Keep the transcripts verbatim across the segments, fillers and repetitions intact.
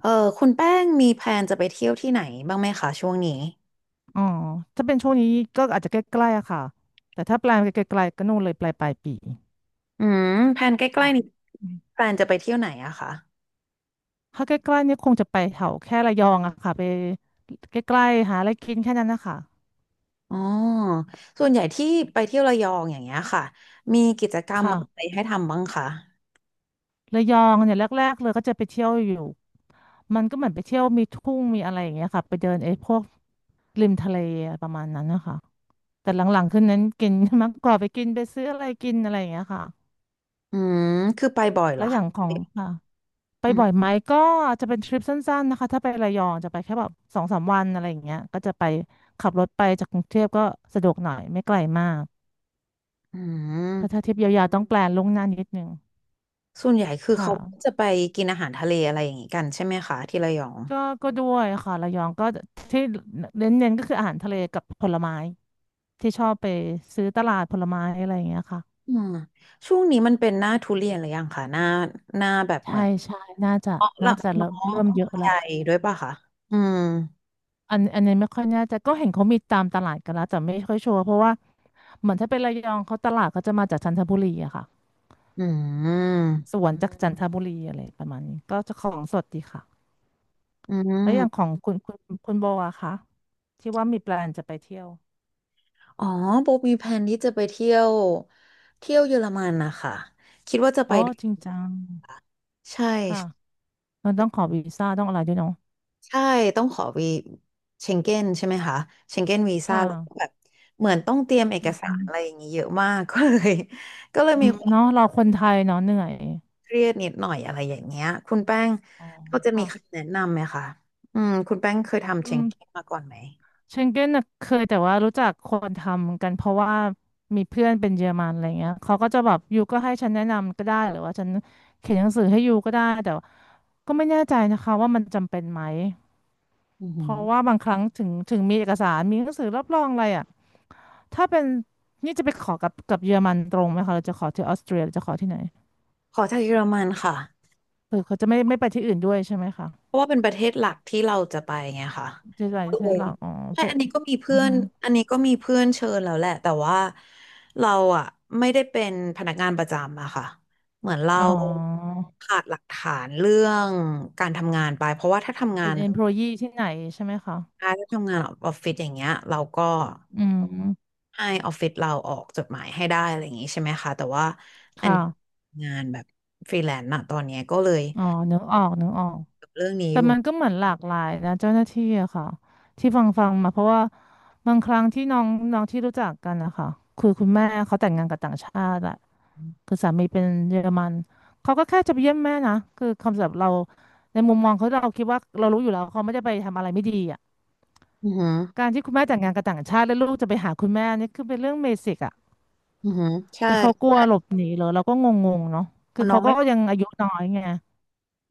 เออคุณแป้งมีแพลนจะไปเที่ยวที่ไหนบ้างไหมคะช่วงนี้อ๋อถ้าเป็นช่วงนี้ก็อาจจะใกล้ๆอะค่ะแต่ถ้าแปลนไปไกลๆก็นู่นเลยปลายปลายปีอืมแพลนใกล้ค่ะๆนี้อืมแพลนจะไปเที่ยวไหนอะคะถ้าใกล้ๆเนี่ยคงจะไปแถวแค่ระยองอะค่ะไปใกล้ๆหาอะไรกินแค่นั้นนะคะอ๋อส่วนใหญ่ที่ไปเที่ยวระยองอย่างเงี้ยค่ะมีกิจกรรมค่ะอะไรให้ทำบ้างคะระยองเนี่ยแรกๆเลยก็จะไปเที่ยวอยู่มันก็เหมือนไปเที่ยวมีทุ่งมีอะไรอย่างเงี้ยค่ะไปเดินไอ้พวกริมทะเลประมาณนั้นนะคะแต่หลังๆขึ้นนั้นกิน มากกว่าไปกินไปซื้ออะไรกินอะไรอย่างเงี้ยค่ะอืมคือไปบ่อยเหรแล้อวอคะย่างของค่ะ ไปอืมบ่อยไหมก็จะเป็นทริปสั้นๆนะคะถ้าไประยองจะไปแค่แบบสองสามวันอะไรอย่างเงี้ยก็จะไปขับรถไปจากกรุงเทพก็สะดวกหน่อยไม่ไกลมากอืก็ถ้ามทริปยาวๆต้องแพลนล่วงหน้านิดนึงส่วนใหญ่คือค่ะเขาจะไปกินอาหารทะเลอะไรอย่างงี้กันใช่ไหมคะที่ระยองก็ก็ด้วยค่ะระยองก็ที่เน้นๆก็คืออาหารทะเลกับผลไม้ที่ชอบไปซื้อตลาดผลไม้อะไรอย่างเงี้ยค่ะอืมช่วงนี้มันเป็นหน้าทุเรียนหรือยังคะหน้าหน้าแบบเหมืใช่อนใช่น่าจะอ๋อละน่าจะเริ่เนาะมเริ่มเยอะใหละ ญ่ด้วยป่ะคะอืม อันอันนี้ไม่ค่อยแน่ใจก็เห็นเขามีตามตลาดกันแล้วแต่ไม่ค่อยชัวร์เพราะว่าเหมือนถ้าเป็นระยองเขาตลาดก็จะมาจากจันทบุรีอะค่ะอืมสวนจากจันทบุรีอะไรประมาณนี้ก็จะของสดดีค่ะอืแล้วอย่างขมองคุณคุณคุณโบอะคะที่ว่ามีแปลนจะไปเที่ยวอ๋อโบมีแผนที่จะไปเที่ยวเที่ยวเยอรมันนะคะคิดว่าจะไปอ๋อจริงจังใช่ค่ะมันต้องขอวีซ่าต้องอะไรด้วยเนาะใช่ต้องขอวีเชงเก้นใช่ไหมคะเชงเก้นวีคซ่าแล้วก็แบ่ะบเหมือนต้องเตรียมเอกสาอืรมอะไรอย่างนี้เยอะมาก ก็เลยก็เลยอืมีมความเนาะเราคนไทยเนาะเหนื่อยเครียดนิดหน่อยอะไรอย่างเงี้ยคุณแป้งอ๋อก็จะมีค่ะคำแนะนำไหมคะอืมคุณแป้งเคยทำเชอืงม เก้นมาก่อนไหมเชงเก้นน่ะเคยแต่ว่ารู้จักคนทำกันเพราะว่ามีเพื่อนเป็นเยอรมันอะไรเงี้ยเขาก็จะแบบยูก็ให้ฉันแนะนำก็ได้หรือว่าฉันเขียนหนังสือให้ยูก็ได้แต่ว่าก็ไม่แน่ใจนะคะว่ามันจำเป็นไหมอือเพหือราะว่าบางครั้งถึงถึงมีเอกสารมีหนังสือรับรองอะไรอ่ะถ้าเป็นนี่จะไปขอกับกับเยอรมันตรงไหมคะเราจะขอที่ออสเตรียหรือจะขอที่ไหนขอจากเยอรมันค่ะ คือเขาจะไม่ไม่ไปที่อื่นด้วยใช่ไหมคะเพราะว่าเป็นประเทศหลักที่เราจะไปไงค่ะจะไปก็เลที่ยหลักอ๋อใช่ พวอักนนี้ก็มีอืเพื่ออน ฮึอันนี้ก็มีเพื่อนเชิญแล้วแหละแต่ว่าเราอ่ะไม่ได้เป็นพนักงานประจำอะค่ะเหมือนเราอ๋อขาดหลักฐานเรื่องการทำงานไปเพราะว่าถ้าทำงาเป็น น เอ็มพลอยอี ที่ไหนใช่ไหมคะถ้าทำงานออฟฟิศอย่างเงี้ยเราก็อืมให้ออฟฟิศเราออกจดหมายให้ได้อะไรอย่างงี้ใช่ไหมคะแต่ว่าอันค่ะ นี้งานแบบฟรีแลนซอ๋อนึกออกนึกออก์เรื่องนี้แต่อยู่มันก็เหมือนหลากหลายนะเจ้าหน้าที่อะค่ะที่ฟังฟังมาเพราะว่าบางครั้งที่น้องน้องที่รู้จักกันนะคะคือคุณแม่เขาแต่งงานกับต่างชาติอะคือสามีเป็นเยอรมันเขาก็แค่จะไปเยี่ยมแม่นะคือคำสำหรับเราในมุมมองเขาเราคิดว่าเรารู้อยู่แล้วเขาไม่ได้ไปทำอะไรไม่ดีอะอือหือการที่คุณแม่แต่งงานกับต่างชาติแล้วลูกจะไปหาคุณแม่นี่คือเป็นเรื่องเบสิกอะอือหือใช่แต่เขากลัวหลบหนีเหรอเราก็งงๆเนาะพคืออน้อเขางก็ไม่ยังอายุน้อยไง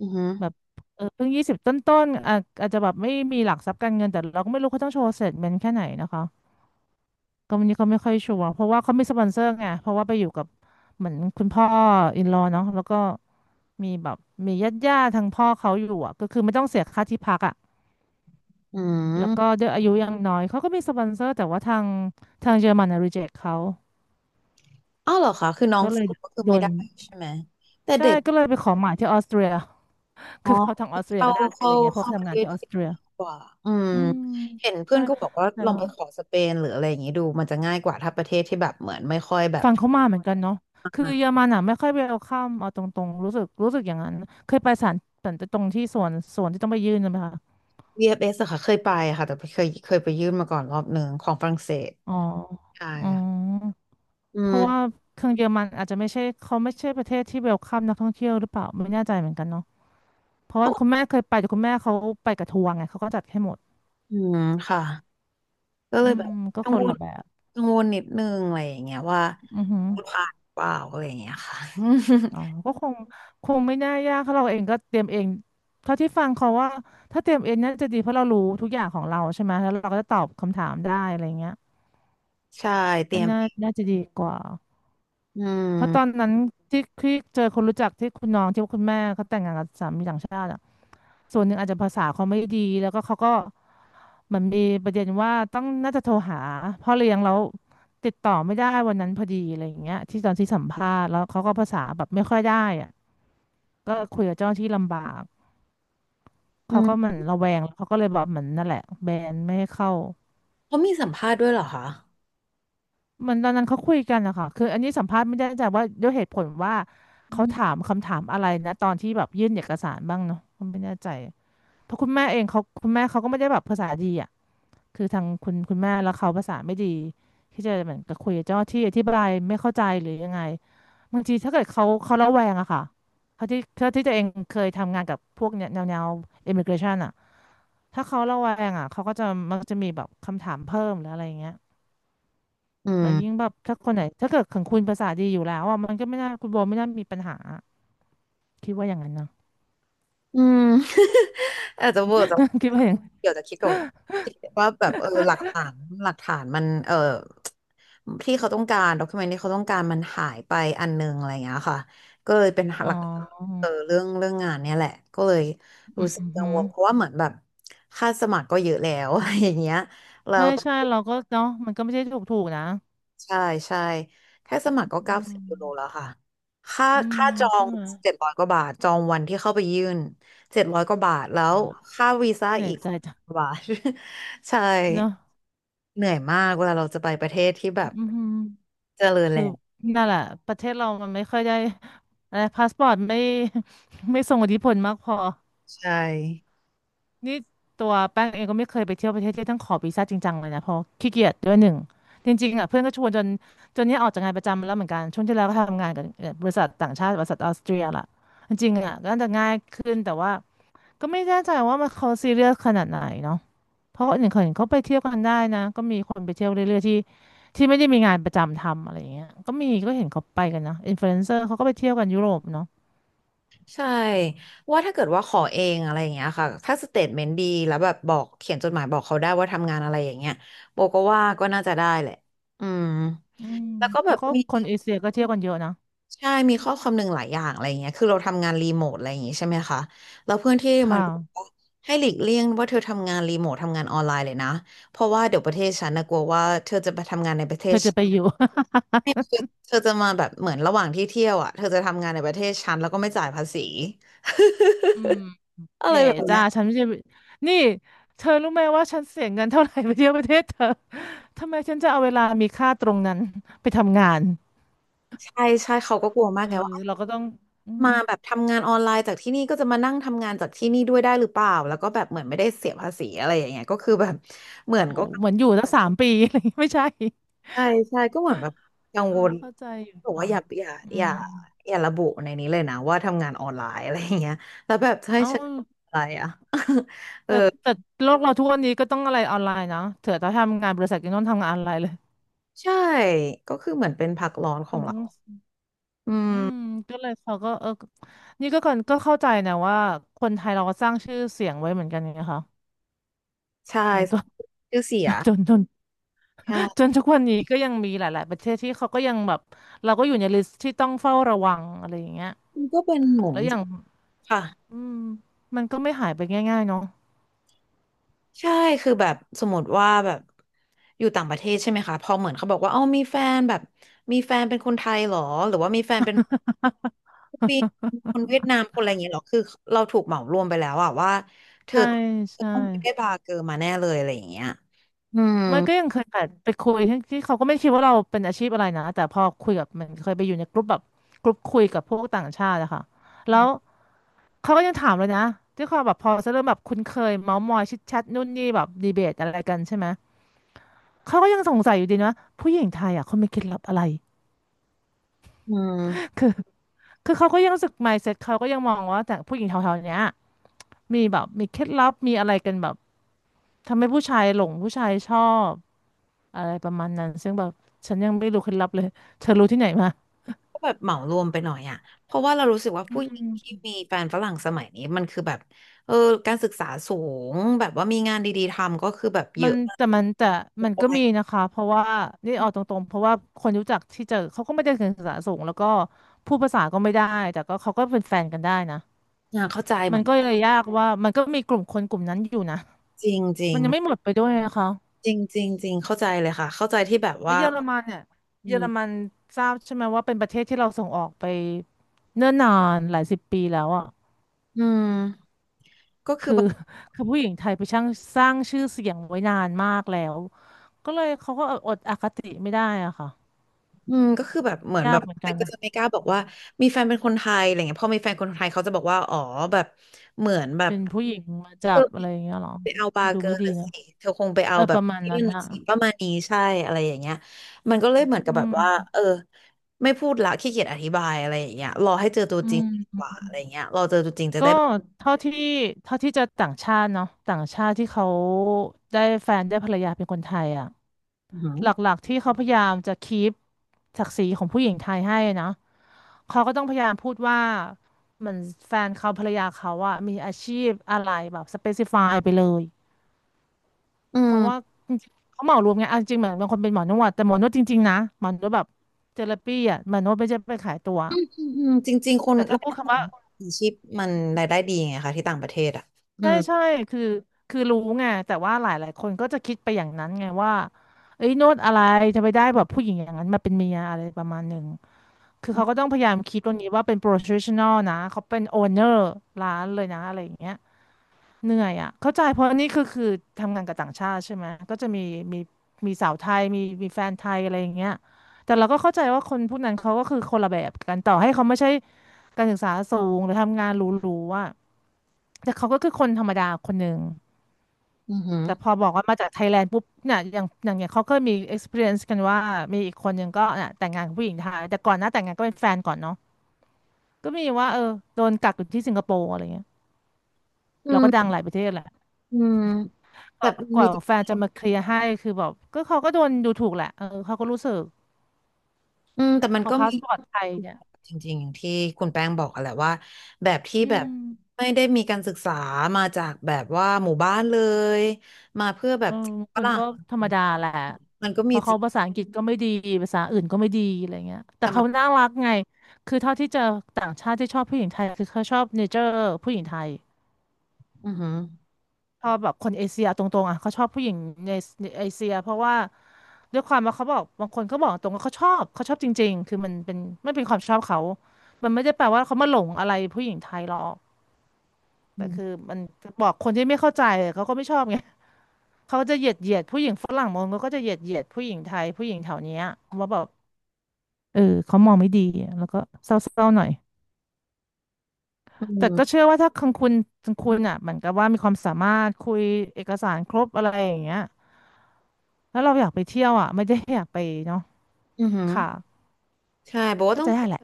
อือหือแบบเออเพิ่งยี่สิบต้นๆอาจอาจจะแบบไม่มีหลักทรัพย์การเงินแต่เราก็ไม่รู้เขาต้องโชว์เสร็จเป็นแค่ไหนนะคะก็วันนี้เขาไม่ค่อยชัวร์เพราะว่าเขามีสปอนเซอร์ไงเพราะว่าไปอยู่กับเหมือนคุณพ่ออินลอเนาะแล้วก็มีแบบมีญาติญาติทางพ่อเขาอยู่อ่ะก็คือไม่ต้องเสียค่าที่พักอ่ะอืแล้วก็ม ด้วยอายุยังน้อยเขาก็มีสปอนเซอร์แต่ว่าทางทางเยอรมันรีเจคเขาอ้าวเหรอคะคือน้องก็เลสายวก็คือโดไม่นได้ใช่ไหมแต่ใช่เด็กก็เลยไปขอหมายที่ออสเตรีย อ๋คืออเขาทางออสเตรียเข้าก็ได้อะไรเข้าเงี้ยเพราะเข้าเขาปทำระเทงานศที่ออเดสเตรียง่ายกว่าอืมอืมเห็นเพื่อใช่นก็บอกว่าแต่ลองเรา ไปขอสเปนหรืออะไรอย่างนี้ดูมันจะง่ายกว่าถ้าประเทศที่แบบเหมือนไม่ค่อยแบบฟังเขามาเหมือนกันเนาะอคือ่เยอรา มันอ่ะไม่ค่อยเวลคัมเอาตรงๆรู้สึกรู้สึกอย่างนั้น เคยไปศาลแต่ตรงที่สวนสวนที่ต้องไปยื่นนะไหมคะ วี เอฟ เอส อฟเอสอะค่ะเคยไปอะค่ะแต่เคยเคยไปยื่นมาก่อนรอบหนึ่งของฝรั่งเศสอ๋อใช่อ๋ค่ะออืเพราะว่ามเครื่องเยอรมันอาจจะไม่ใช่เขาไม่ใช่ประเทศที่เวลคัมนักท่องเที่ยวหรือเปล่าไม่แน่ใจเหมือนกันเนาะเพราะเพว่าราะคุณแม่เคยไปแต่คุณแม่เขาไปกับทัวร์ไงเขาก็จัดให้หมด อืมค่ะก็เลอืยแบม บก็กัคงนวละลแบบกังวลนิดนึงอะไรอย่างเงี้ยว่าอือหือ จะผ่านหรือเปล่าอะไรอย่างเงี้ยค่ะ อ๋อก็คงคงไม่น่ายากเพราะเราเองก็เตรียมเองเท่าที่ฟังเขาว่าถ้าเตรียมเองน่าจะดีเพราะเรารู้ทุกอย่างของเราใช่ไหมแล้วเราก็จะตอบคำถามได้อะไรเงี้ย ใช่เตรีก็ยมน่าน่าจะดีกว่าอืเพราะตอนม นั้นที่ที่เจอคนรู้จักที่คุณน้องที่คุณแม่เขาแต่งงานกับสามีต่างชาติอะส่วนหนึ่งอาจจะภาษาเขาไม่ดีแล้วก็เขาก็เหมือนมีประเด็นว่าต้องน่าจะโทรหาพ่อเลี้ยงแล้วติดต่อไม่ได้วันนั้นพอดีอะไรอย่างเงี้ยที่ตอนที่สัมภาษณ์แล้วเขาก็ภาษาแบบไม่ค่อยได้อะก็คุยกับเจ้าหน้าที่ลำบาก อืเขาก็เหมืมอนระแวงแล้วเขาก็เลยแบบเหมือนนั่นแหละแบนไม่ให้เข้าเขามีสัมภาษณ์ด้วยเหรอคะเหมือนตอนนั้นเขาคุยกันนะคะคืออันนี้สัมภาษณ์ไม่ได้แต่ว่าด้วยเหตุผลว่าอืเขาถาม มคำถามอะไรนะตอนที่แบบยื่นเอกสารบ้างเนาะผมไม่แน่ใจเพราะคุณแม่เองเขาคุณแม่เขาก็ไม่ได้แบบภาษาดีอ่ะคือทางคุณคุณแม่แล้วเขาภาษาไม่ดีที่จะเหมือนกับคุยกับเจ้าหน้าที่อธิบายไม่เข้าใจหรือยังไงบางทีถ้าเกิดเขาเขาระแวงอะค่ะเขาที่เขาที่ตัวเองเคยทำงานกับพวกเนี่ยแนวแนว immigration อะ ถ้าเขาระแวงอ่ะเขาก็จะมักจะมีแบบคำถามเพิ่มหรืออะไรเงี้ยอืแล้วยิ่งมแบบถ้าคนไหนถ้าเกิดของคุณภาษาดีอยู่แล้วอ่ะมันก็ไม่น่าคุณโบไม่น่ามีปัญหาคิดว่าอย่างนั้นนะ อืม อาจจะเวอร์จะ คิดว่าอย่างเดี๋ยวจะคิดกับคิดว่าแบบเออหลักฐานหลักฐานมันเออที่เขาต้องการด็อกิเมนที่เขาต้องการมันหายไปอันนึงอะไรอย่างเงี้ยค่ะ ก็เลยเป็นหอ๋อลักเออเรื่องเรื่องงานเนี่ยแหละ ก็เลยอืรู้สึกมกัฮึงวลเพราะว่าเหมือนแบบ ค่าสมัครก็เยอะแล้ว อะไรอย่างเงี้ย ใช่ใช่เราก็เนาะมันก็ไม่ใช่ถูกถูกนะใช่ใช่แค่สมัครก็อืเก้าสิบมยูโรแล้วค่ะค่า อื มค่าจอใช่งไหมเจ็ดร้อยกว่าบาทจองวันที่เข้าไปยื่นเจ็ดร้อยกว่าบาทแล้วอ๋อค่าวีซ่าเหนื่ออียกใจจังกว่าบาท ใช่เนาะเหนื่อยมากเวลาเราจะไปประเทศที่แบบอืมฮึเจริญคือแล้วนั่นแหละประเทศเรามันไม่ค่อยได้อะไรพาสปอร์ตไม่ ไม่ส่งอิทธิพลมากพอ ใช่นี่ตัวแป้งเองก็ไม่เคยไปเที่ยวประเทศที่ต้องขอวีซ่าจริงจังเลยนะเพราะขี้เกียจด้วยหนึ่งจริงๆอ่ะเพื่อนก็ชวนจนจนเนี้ยออกจากงานประจำแล้วเหมือนกันช่วงที่แล้วก็ทำงานกับบริษัทต่างชาติบริษัทออสเตรียล่ะจริงๆอ่ะก็น่าจะง่ายขึ้นแต่ว่าก็ไม่แน่ใจว่ามันเขาซีเรียสขนาดไหนเนาะเพราะหนอ่งเขาเห็นเขาไปเที่ยวกันได้นะก็มีคนไปเที่ยวเรื่อยๆที่ที่ไม่ได้มีงานประจำทำอะไรอย่างเงี้ยก็มีก็เห็นเขาไปกันนะอินฟลูเอนเซอร์เขาก็ไปเที่ยวกันยุโรปเนาะใช่ว่าถ้าเกิดว่าขอเองอะไรอย่างเงี้ยค่ะถ้าสเตทเมนต์ดีแล้วแบบบอกเขียนจดหมายบอกเขาได้ว่าทำงานอะไรอย่างเงี้ยโบก็ว่าก็น่าจะได้แหละอืมอืมแล้วก็แบเขาบก็มี คนเอเชียก็เที่ยวกันเยอะนะใช่มีข้อความหนึ่งหลายอย่างอะไรอย่างเงี้ยคือเราทำงานรีโมทอะไรอย่างงี้ใช่ไหมคะแล้วเพื่อนที่คมันก็บอก่ะว่าให้หลีกเลี่ยงว่าเธอทำงานรีโมททำงานออนไลน์เลยนะเพราะว่าเดี๋ยวประเทศฉันนะกลัวว่าเธอจะไปทำงานในประเทเธศอจะไปอยู่ เธอจะมาแบบเหมือนระหว่างที่เที่ยวอ่ะเธอจะทำงานในประเทศฉันแล้วก็ไม่จ่ายภาษี อืมอะไรเก๋แบบเนี้จ้ายฉันไม่ใช่นี่เธอรู้ไหมว่าฉันเสียเงินเท่าไหร่ไปเที่ยวประเทศเธอทำไมฉันจะเอาเวลามีค่าตรงนั้นไปทำงานใช่ใช่เขาก็กลัวมาเอกไงว่าอเราก็ต้องอืมมาแบบทำงานออนไลน์จากที่นี่ก็จะมานั่งทำงานจากที่นี่ด้วยได้หรือเปล่าแล้วก็แบบเหมือนไม่ได้เสียภาษีอะไรอย่างเงี้ยก็คือแบบเหมือนโหก็ เหมือนอยู่ตั้งสามปีอะไรอย่างงี้ไม่ใช่ใช่ใช่ก็เหมือนแบบกังเออวลเข้าใจอยู่บอกว่าค่ะอย่าอย่าอือย่ามอย่าระบุในนี้เลยนะว่าทำงานออนไลน์อะไรอย่างเงี้ยแล้วแบบจะให้เอาฉันอะไรอ่ะ เออแต่แต่โลกเราทุกวันนี้ก็ต้องอะไรออนไลน์นะเถอะถ้าทำงานบริษัทก็ต้องทำงานออนไลน์เลยใช่ก็คือเหมือนเป็นพักร้อนขอมังนต้เราองอือืมมก็เลยเขาก็เออนี่ก็ก่อนก็เข้าใจนะว่าคนไทยเราก็สร้างชื่อเสียงไว้เหมือนกันไงคะใช่มันก็ ชื่อเสีจน ย จนจนจนค่ะทุกวันนี้ก็ยังมีหลายๆประเทศที่เขาก็ยังแบบเราก็อยู่ในลิสต์ที่ต้องเฝ้าระวังอะไรอย่างเงี้ยมันก็เป็นเหมือแล้นวอย่างค่ะ อืมมันก็ไม่หายไปง่ายๆเนาะใช่คือแบบสมมติว่าแบบอยู่ต่างประเทศใช่ไหมคะพอเหมือนเขาบอกว่าเอ้ามีแฟนแบบมีแฟนเป็นคนไทยเหรอหรือว่ามีแฟนเป็นปีคนเวียดนามคนอะไรอย่างเงี้ยหรอคือเราถูกเหมารวมไปแล้วอะว่าเธอใช่เธอใช่ต้องไปได้บาร์เกอร์มาแน่เลยอะไรอย่างเงี้ยอืมมันก็ยังเคยแบบไปคุยที่ที่เขาก็ไม่คิดว่าเราเป็นอาชีพอะไรนะแต่พอคุยกับมันเคยไปอยู่ในกลุ่มแบบกลุ่มคุยกับพวกต่างชาติอะค่ะแล้วเขาก็ยังถามเลยนะที่เขาแบบพอจะเริ่มแบบคุ้นเคยเมาท์มอยชิดแชทนู่นนี่แบบดีเบตอะไรกันใช่ไหมเขาก็ยังสงสัยอยู่ดีนะผู้หญิงไทยอะเขามีเคล็ดลับอะไรอืมคือ คือเขาก็ยังรู้สึก mindset เขาก็ยังมองว่าแต่ผู้หญิงแถวๆเนี้ยมีแบบมีเคล็ดลับมีอะไรกันแบบทำให้ผู้ชายหลงผู้ชายชอบอะไรประมาณนั้นซึ่งแบบฉันยังไม่รู้เคล็ดลับเลยเธอรู้ที่ไหนมาก็แบบเหมารวมไปหน่อยอะเพราะว่าเรารู้สึกว่าผู้หญิงที่มีแฟนฝรั่งสมัยนี้มันคือแบบเออการศึกษาสูงแบบว่ามีงานดีๆทำก็คือแบบเยมันอะมากแต่มันแต่มันก็เลยมีนะคะเพราะว่านี่เอาตรงๆเพราะว่าคนรู้จักที่เจอเขาก็ไม่ได้เรียภาษาสูงแล้วก็พูดภาษาก็ไม่ได้แต่ก็เขาก็เป็นแฟนกันได้นะอ่าเข้าใจเหมัมืนอน ก็เลยยากว่ามันก็มีกลุ่มคนกลุ่มนั้นอยู่นะจริงจริมังนยังไม่หมดไปด้วยนะคะ จริงจริงจริงเข้าใจเลยค่ะเข้าใจที่แบบแล้วว่าเยอรมันเนี่ยอืเยอรมันมทราบใช่ไหมว่าเป็นประเทศที่เราส่งออกไปเนิ่นนานหลายสิบปีแล้วอ่ะอืมก็คือคือ แบบ คือผู้หญิงไทยไปช่างสร้างชื่อเสียงไว้นานมากแล้วก็เลยเขาก็อดอคติไม่ได้อ่ะค่ะอืมก็คือแบบเหมือนยาแบกบเหมือนแต่กันก็จะไม่กล้าบอกว่ามีแฟนเป็นคนไทยอะไรเงี้ยพอมีแฟนคนไทยเขาจะบอกว่าอ๋อแบบเหมือนแบบเป็นผู้หญิงมาจัเธอบอะไรอย่างเงี้ยเหรอไปเอาบาร์ดูเกอไม่ร์ดีละสินะเธอคงไปเอเอาอแบปบระมาณยั่นั้นนละนะสิประมาณนี้ใช่อะไรอย่างเงี้ยมันก็เลยเหมือนกับอืแบบมว่าเออไม่พูดละขี้เกียจอธิบายอะไรอย่างเงี้ยรอให้เจอตัวอืจริงดีกมว่าอะไรเงี้ยรอเจอตัวจริงจะก็ได้แบบเท่าที่เท่าที่เจะต่างชาติเนาะต่างชาติที่เขาได้แฟนได้ภรรยาเป็นคนไทยอ่ะ อือหือหลักๆที่เขาพยายามจะคีปศักดิ์ศรีของผู้หญิงไทยให้นะเขาก็ต้องพยายามพูดว่าเหมือนแฟนเขาภรรยาเขาอะมีอาชีพอะไรแบบสเปซิฟายไปเลยอืเพม ราะว่าจริงๆเขาเหมารวมไงเอาจริงๆเหมือนบางคนเป็นหมอนวดแต่หมอนวดจริงๆนะหมอนวดแบบเทอราปีอะหมอนวดไม่ใช่ไปขายตัวอืมอืมอืมจริงๆคนแต่ถ้ารายพูได้ดขอคำว่างอาชีพมันรายได้ดีไงคะที่ต่างประเทศอ่ะอืใช่มใช่คือคือรู้ไงแต่ว่าหลายๆคนก็จะคิดไปอย่างนั้นไงว่าเอ้ยโนวดอะไรจะไปได้แบบผู้หญิงอย่างนั้นมาเป็นเมียอะไรประมาณหนึ่ง คือเขาก็ต้องพยายามคิดตรงนี้ว่าเป็น professional นะเขาเป็น owner ร้านเลยนะอะไรอย่างเงี้ยเหนื่อยอ่ะเข้าใจเพราะนี่คือคือทำงานกับต่างชาติใช่ไหมก็จะมีมีมีสาวไทยมีมีแฟนไทยอะไรอย่างเงี้ยแต่เราก็เข้าใจว่าคนพวกนั้นเขาก็คือคนละแบบกันต่อให้เขาไม่ใช่การศึกษาสูงหรือทำงานหรูๆอ่ะแต่เขาก็คือคนธรรมดาคนหนึ่งอือหือแต่พอบอกว่ามาจากไทยแลนด์ปุ๊บเนี่ยอย่างอย่างอย่างเขาเคยมี experience กันว่ามีอีกคนหนึ่งก็เนี่ยแต่งงานกับผู้หญิงไทยแต่ก่อนหน้าแต่งงานก็เป็นแฟนก่อนเนาะ ก็มีว่าเออโดนกักอยู่ที่สิงคโปร์อะไรเงี้ยอืเราก็ดังมหลายประเทศแหละอืมกแต่ว่ามันกมีว่าแฟนจะมาเคลียร์ให้คือแบบก็เขาก็โดนดูถูกแหละเออเขาก็รู้สึกอืมแต่มัพนอก็พามีสปอร์ตไทยเนี่ยจริงๆอย่างที่คุณแป้งบอกอะแหละว่าแบบที่อืแบบมไม่ได้มีการศึกษามาจากแบบว่าหมู่บ้านเลยมาเพื่อแบเอบอฝคนรั่ก็งธรรมดาแหละมันก็เพมีราะจริเขางภาษาอังกฤษก็ไม่ดีภาษาอื่นก็ไม่ดีอะไรเงี้ยแต่แต่มัเขานน่ารักไงคือเท่าที่เจอต่างชาติที่ชอบผู้หญิงไทยคือเขาชอบเนเจอร์ผู้หญิงไทย อือหือชอบแบบคนเอเชียตรงๆอ่ะเขาชอบผู้หญิงในในเอเชียเพราะว่าด้วยความว่าเขาบอกบางคนเขาบอกตรงว่าเขาชอบเขาชอบจริงๆคือมันเป็นไม่เป็นความชอบเขามันไม่ได้แปลว่าเขามาหลงอะไรผู้หญิงไทยหรอกแต่อืคือมมันบอกคนที่ไม่เข้าใจเขาก็ไม่ชอบไงเขาจะเหยียดเหยียดผู้หญิงฝรั่งมองก็จะเหยียดเหยียดผู้หญิงไทยผู้หญิงแถวเนี้ยว่าแบบเออเขามองไม่ดีแล้วก็เศร้าๆหน่อยอืแต่ก็มเชื่อว่าถ้าคังคุณคังคุณอ่ะเหมือนกับว่ามีความสามารถคุยเอกสารครบอะไรอย่างเงี้ย แล้วเราอยากไปเที่ยวอ่ะไม่ได้อยากไปเนาะอือหือ ค่ะใช่บอกว่าน่าต้องจะได้แหละ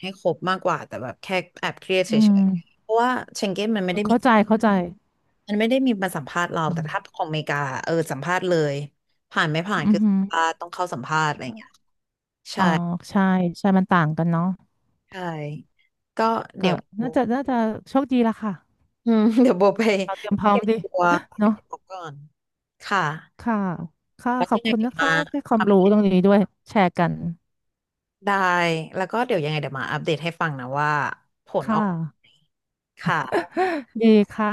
ให้ครบมากกว่าแต่แบบแค่แอบเครียดเฉอืมยๆ เพราะว่าเชงเก้นมันไม่ได้มีเข้าใจเข้าใจมันไม่ได้มีมาสัมภาษณ์เราอืแต่มถ้าของอเมริกาเออสัมภาษณ์เลยผ่านไม่ผ่านอืคืออหือสัมภาษณ์ต้องเข้าสัมภาษณ์อะไรอย่างเงี้ยอ๋ใช่อใช่ใช่มันต่างกันเนาะใช่ก็เดี๋ก็ยวโบน่าจะน่าจะโชคดีละค่ะอืม เดี๋ยวโบไปเราเตรียมพร้อเก็มบดี ตัว ให้เนาะครบก่อนค่ะค่ะค่ะแล้วขอยับงไงคุณเดี๋ยวนะคะมาที่ความอัปรู้เดตรงตนี้ด้วยแชร์กันได้แล้วก็เดี๋ยวยังไงเดี๋ยวมาอัปเดตให้ฟังนะว่าผลค่ออกนะค่ะดีค่ะ